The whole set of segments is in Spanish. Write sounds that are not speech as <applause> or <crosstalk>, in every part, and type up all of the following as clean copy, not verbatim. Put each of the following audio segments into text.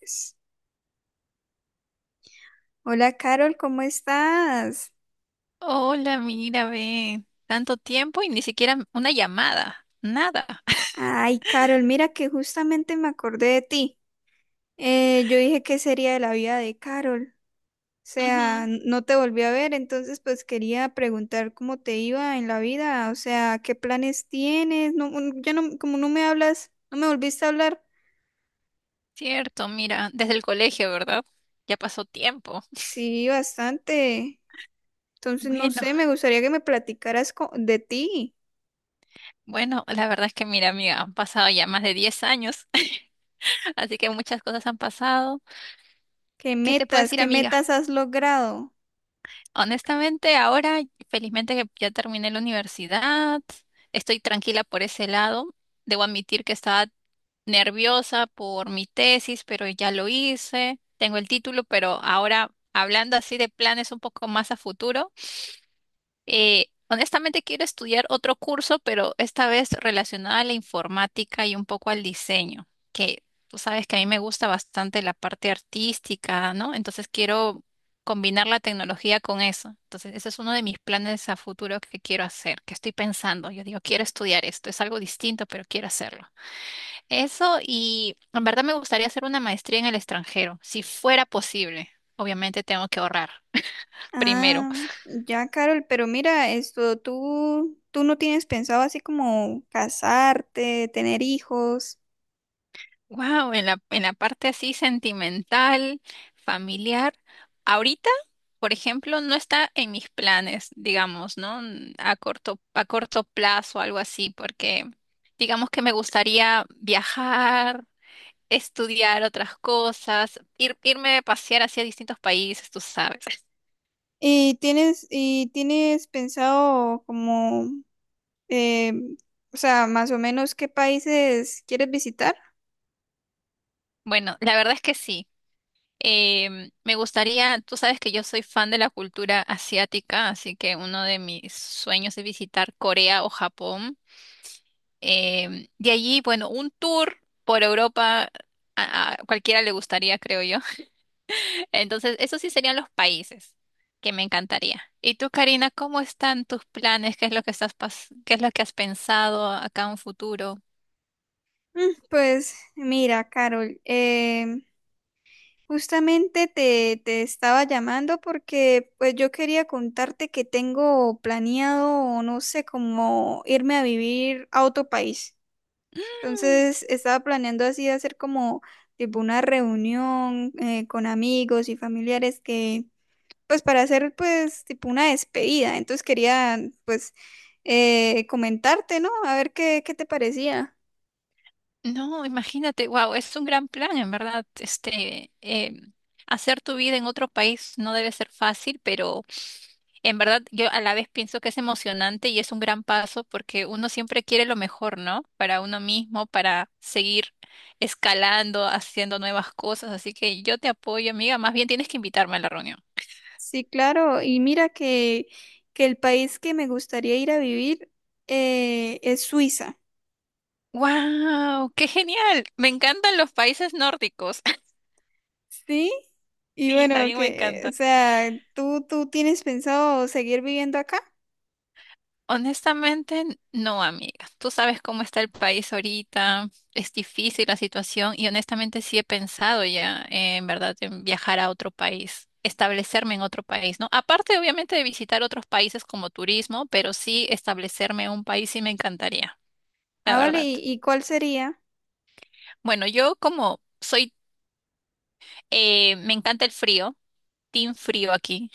Pues. Hola, Carol, ¿cómo estás? Hola, mira, ve, tanto tiempo y ni siquiera una llamada, nada. <laughs> Ay, Carol, mira que justamente me acordé de ti. Yo dije que sería de la vida de Carol. O Ujú, sea, no te volví a ver, entonces pues quería preguntar cómo te iba en la vida, o sea, qué planes tienes. No, ya no, como no me hablas, no me volviste a hablar. cierto, mira, desde el colegio, ¿verdad? Ya pasó tiempo. Sí, bastante. Entonces, no Bueno, sé, me gustaría que me platicaras de ti. bueno, la verdad es que mira, amiga, han pasado ya más de 10 años, <laughs> así que muchas cosas han pasado. ¿Qué te puedo decir, Qué amiga? metas has logrado? Honestamente, ahora felizmente que ya terminé la universidad, estoy tranquila por ese lado. Debo admitir que estaba nerviosa por mi tesis, pero ya lo hice, tengo el título, pero ahora hablando así de planes un poco más a futuro. Honestamente quiero estudiar otro curso, pero esta vez relacionado a la informática y un poco al diseño, que tú sabes que a mí me gusta bastante la parte artística, ¿no? Entonces quiero combinar la tecnología con eso. Entonces, ese es uno de mis planes a futuro que quiero hacer, que estoy pensando. Yo digo, quiero estudiar esto, es algo distinto, pero quiero hacerlo. Eso y en verdad me gustaría hacer una maestría en el extranjero, si fuera posible. Obviamente tengo que ahorrar primero. Ah, ya, Carol, pero mira, esto, tú no tienes pensado así como casarte, tener hijos, Wow, en la parte así sentimental, familiar, ahorita, por ejemplo, no está en mis planes, digamos, ¿no? A corto plazo, algo así, porque digamos que me gustaría viajar, estudiar otras cosas, ir, irme a pasear hacia distintos países, tú sabes. <laughs> y tienes pensado como, eh, o sea, más o menos qué países quieres visitar. Bueno, la verdad es que sí. Me gustaría, tú sabes que yo soy fan de la cultura asiática, así que uno de mis sueños es visitar Corea o Japón. De allí, bueno, un tour por Europa a cualquiera le gustaría, creo yo. <laughs> Entonces, esos sí serían los países que me encantaría. ¿Y tú, Karina, cómo están tus planes? ¿Qué es lo que estás qué es lo que has pensado acá en un futuro? Mm, Pues mira, Carol, em, justamente te estaba llamando porque pues yo quería contarte que tengo planeado, no sé, como irme a vivir a otro país. Mm, Entonces estaba planeando así hacer como tipo una reunión con amigos y familiares pues para hacer pues tipo una despedida. Entonces quería pues comentarte, ¿no? A ver qué, qué te parecía. No, imagínate, wow, es un gran plan, en verdad. Este, hacer tu vida en otro país no debe ser fácil, pero en verdad yo a la vez pienso que es emocionante y es un gran paso porque uno siempre quiere lo mejor, ¿no? Para uno mismo, para seguir escalando, haciendo nuevas cosas. Así que yo te apoyo, amiga. Más bien tienes que invitarme a la reunión. Sí, claro. Que el país que me gustaría ir a vivir es Suiza. ¡Wow! ¡Qué genial! Me encantan los países nórdicos. <laughs> Sí. Y Sí, bueno, también me que, o encanta. sea, ¿tú tienes pensado seguir viviendo acá? Honestamente, no, amiga. Tú sabes cómo está el país ahorita, es difícil la situación y honestamente sí he pensado ya, en verdad, en viajar a otro país, establecerme en otro país, ¿no? Aparte, obviamente, de visitar otros países como turismo, pero sí establecerme en un país sí me encantaría, la Ah, vale. verdad. ¿Y cuál sería? Bueno, yo como soy, me encanta el frío, team frío aquí.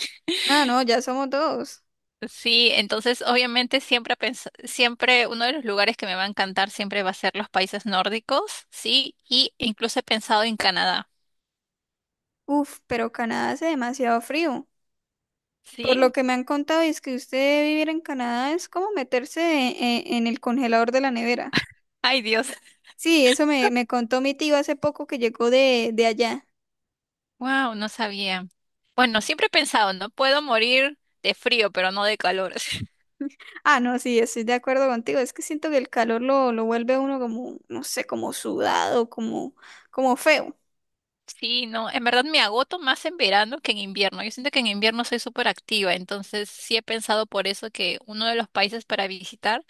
Ah, no, ya somos dos. Sí, entonces obviamente siempre, siempre uno de los lugares que me va a encantar siempre va a ser los países nórdicos, sí, y incluso he pensado en Canadá, Uf, pero Canadá hace demasiado frío. Por sí, lo que me han contado, es que usted vivir en Canadá es como meterse en el congelador de la nevera. ay Dios, <laughs> Sí, eso me contó mi tío hace poco que llegó de allá. wow, no sabía. Bueno, siempre he pensado, no puedo morir de frío, pero no de calor. <laughs> Ah, no, sí, estoy de acuerdo contigo. Es que siento que el calor lo vuelve a uno como, no sé, como sudado, como, como feo. Sí, no, en verdad me agoto más en verano que en invierno. Yo siento que en invierno soy súper activa, entonces sí he pensado por eso que uno de los países para visitar,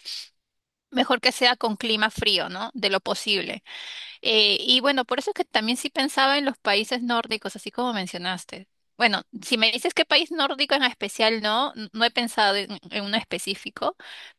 mejor que sea con clima frío, ¿no? De lo posible. Y bueno, por eso es que también sí pensaba en los países nórdicos, así como mencionaste. Bueno, si me dices qué país nórdico en especial, no, no he pensado en uno específico,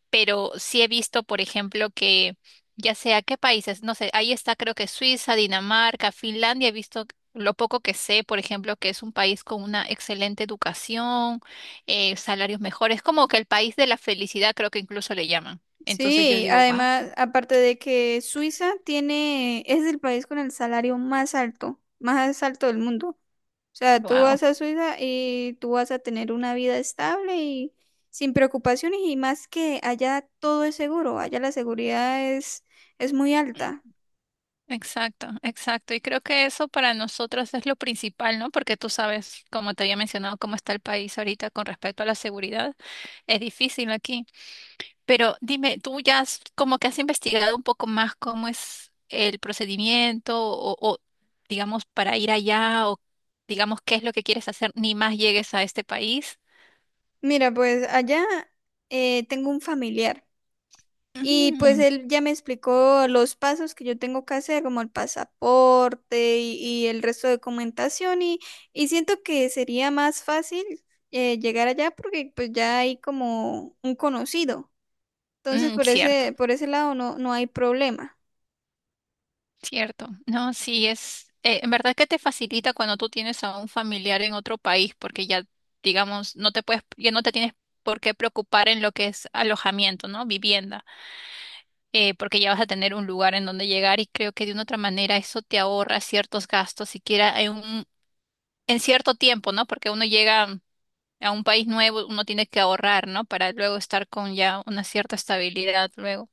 pero sí he visto, por ejemplo, que ya sea qué países, no sé, ahí está creo que Suiza, Dinamarca, Finlandia, he visto lo poco que sé, por ejemplo, que es un país con una excelente educación, salarios mejores, como que el país de la felicidad creo que incluso le llaman. Entonces yo Sí, digo, wow, además, aparte de que Suiza tiene, es el país con el salario más alto del mundo. Sea, tú wow. vas a Suiza y tú vas a tener una vida estable y sin preocupaciones y más que allá todo es seguro, allá la seguridad es muy alta. Exacto, exacto. Y creo que eso para nosotros es lo principal, ¿no? Porque tú sabes, como te había mencionado, cómo está el país ahorita con respecto a la seguridad. Es difícil aquí. Pero dime, tú ya como que has investigado un poco más cómo es el procedimiento o, digamos, para ir allá o, digamos, qué es lo que quieres hacer, ni más llegues a este país. Mira, pues allá tengo un familiar y pues Ujú. él ya me explicó los pasos que yo tengo que hacer, como el pasaporte y el resto de documentación y siento que sería más fácil llegar allá porque pues ya hay como un conocido. Entonces, Mm, cierto. Por ese lado no, no hay problema. Cierto, no, sí es, en verdad que te facilita cuando tú tienes a un familiar en otro país, porque ya, digamos, no te puedes, ya no te tienes por qué preocupar en lo que es alojamiento, ¿no? Vivienda, porque ya vas a tener un lugar en donde llegar y creo que de una otra manera eso te ahorra ciertos gastos, siquiera en un, en cierto tiempo, ¿no? Porque uno llega a un país nuevo, uno tiene que ahorrar, ¿no? Para luego estar con ya una cierta estabilidad luego.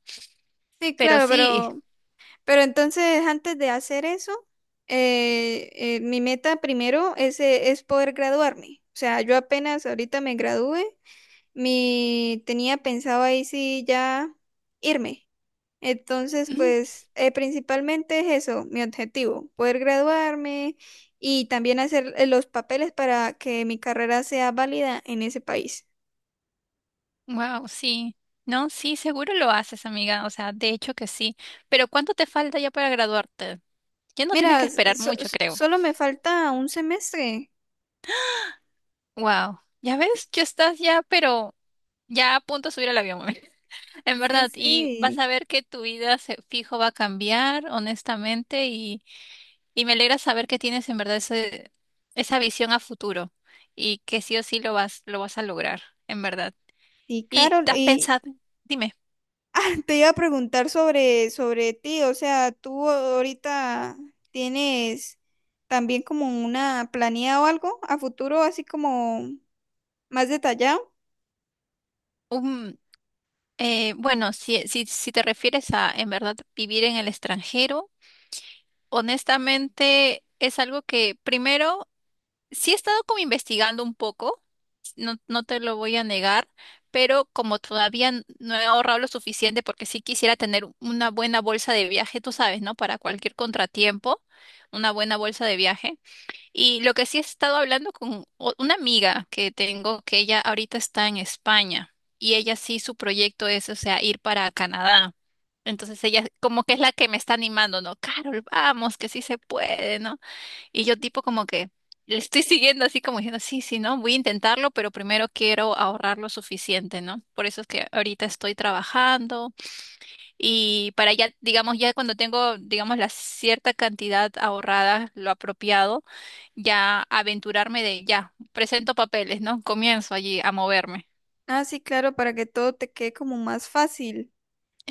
Sí, Pero claro, sí. Pero entonces antes de hacer eso, mi meta primero es poder graduarme. O sea, yo apenas ahorita me gradué, mi, tenía pensado ahí sí ya irme. Entonces, <clears throat> pues principalmente es eso, mi objetivo, poder graduarme y también hacer los papeles para que mi carrera sea válida en ese país. Wow, sí. No, sí, seguro lo haces, amiga. O sea, de hecho que sí. Pero ¿cuánto te falta ya para graduarte? Ya no tienes Mira, que esperar mucho, creo. solo me falta un semestre. Wow. Ya ves, ya estás ya, pero ya a punto de subir al avión, mami. <laughs> En Sí, verdad, y vas sí. a ver que tu vida fijo va a cambiar, honestamente, y me alegra saber que tienes en verdad ese, esa visión a futuro y que sí o sí lo vas a lograr, en verdad. Y ¿Y Carol, te has y pensado? Dime. <laughs> ah, te iba a preguntar sobre ti, o sea, tú ahorita tienes también como una planeada o algo a futuro, así como más detallado. Bueno, si, si, si te refieres a en verdad vivir en el extranjero, honestamente es algo que primero sí he estado como investigando un poco, no, no te lo voy a negar, pero como todavía no he ahorrado lo suficiente porque sí quisiera tener una buena bolsa de viaje, tú sabes, ¿no? Para cualquier contratiempo, una buena bolsa de viaje. Y lo que sí he estado hablando con una amiga que tengo, que ella ahorita está en España y ella sí su proyecto es, o sea, ir para Canadá. Entonces ella como que es la que me está animando, ¿no? Carol, vamos, que sí se puede, ¿no? Y yo tipo como que le estoy <laughs> siguiendo así como diciendo, sí, sí, ¿no? Voy a intentarlo, pero primero quiero ahorrar lo suficiente, ¿no? Por eso es que ahorita estoy trabajando y para ya, digamos, ya cuando tengo, digamos, la cierta cantidad ahorrada, lo apropiado ya aventurarme de ya, presento papeles, ¿no? Comienzo allí a moverme. Ah, sí, claro, para que todo te quede como más fácil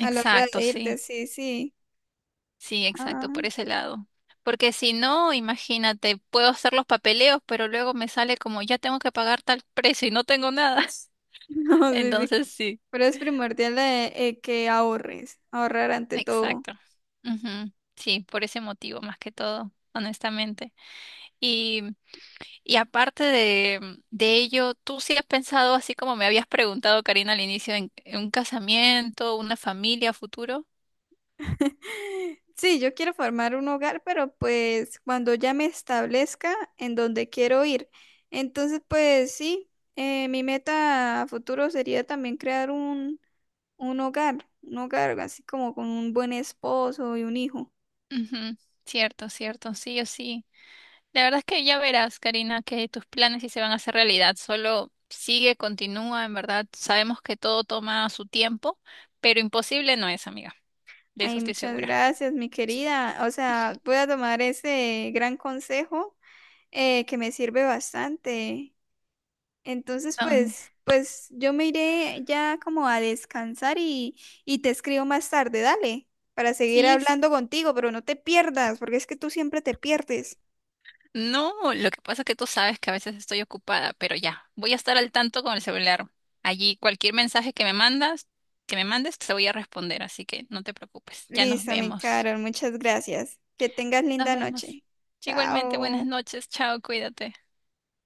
a la hora de irte, sí, sí, sí. sí, exacto, Ah, por ese lado. Porque si no, imagínate, puedo hacer los papeleos, pero luego me sale como ya tengo que pagar tal precio y no tengo nada. <laughs> <laughs> no, sí, sí. Entonces sí, Pero es primordial que ahorres, ahorrar ante todo. exacto. Ujú, sí, por ese motivo más que todo, honestamente. Y, y aparte de ello, ¿tú sí has pensado, así como me habías preguntado, Karina, al inicio, en un casamiento, una familia a futuro? <laughs> Sí, yo quiero formar un hogar, pero pues cuando ya me establezca en donde quiero ir. Entonces, pues sí, mi meta a futuro sería también crear un hogar así como con un buen esposo y un hijo. Ujú, cierto, cierto, sí o sí. La verdad es que ya verás, Karina, que tus planes sí se van a hacer realidad. Solo sigue, continúa, en verdad. Sabemos que todo toma su tiempo, pero imposible no es, amiga. De eso Ay, estoy muchas segura. gracias, mi querida. O sea, voy a tomar ese gran consejo que me sirve bastante. Entonces, No, pues, pues yo me iré ya como a descansar y te escribo más tarde, dale, para seguir sí. Hablando contigo, pero no te pierdas, porque es que tú siempre te pierdes. No, lo que pasa es que tú sabes que a veces estoy ocupada, pero ya, voy a estar al tanto con el celular. Allí cualquier mensaje que me mandas, que me mandes, te voy a responder, así que no te preocupes. Ya nos Listo, mi vemos. Carol, muchas gracias. Que tengas Nos linda vemos. noche. Igualmente, buenas Chao. noches. Chao, cuídate.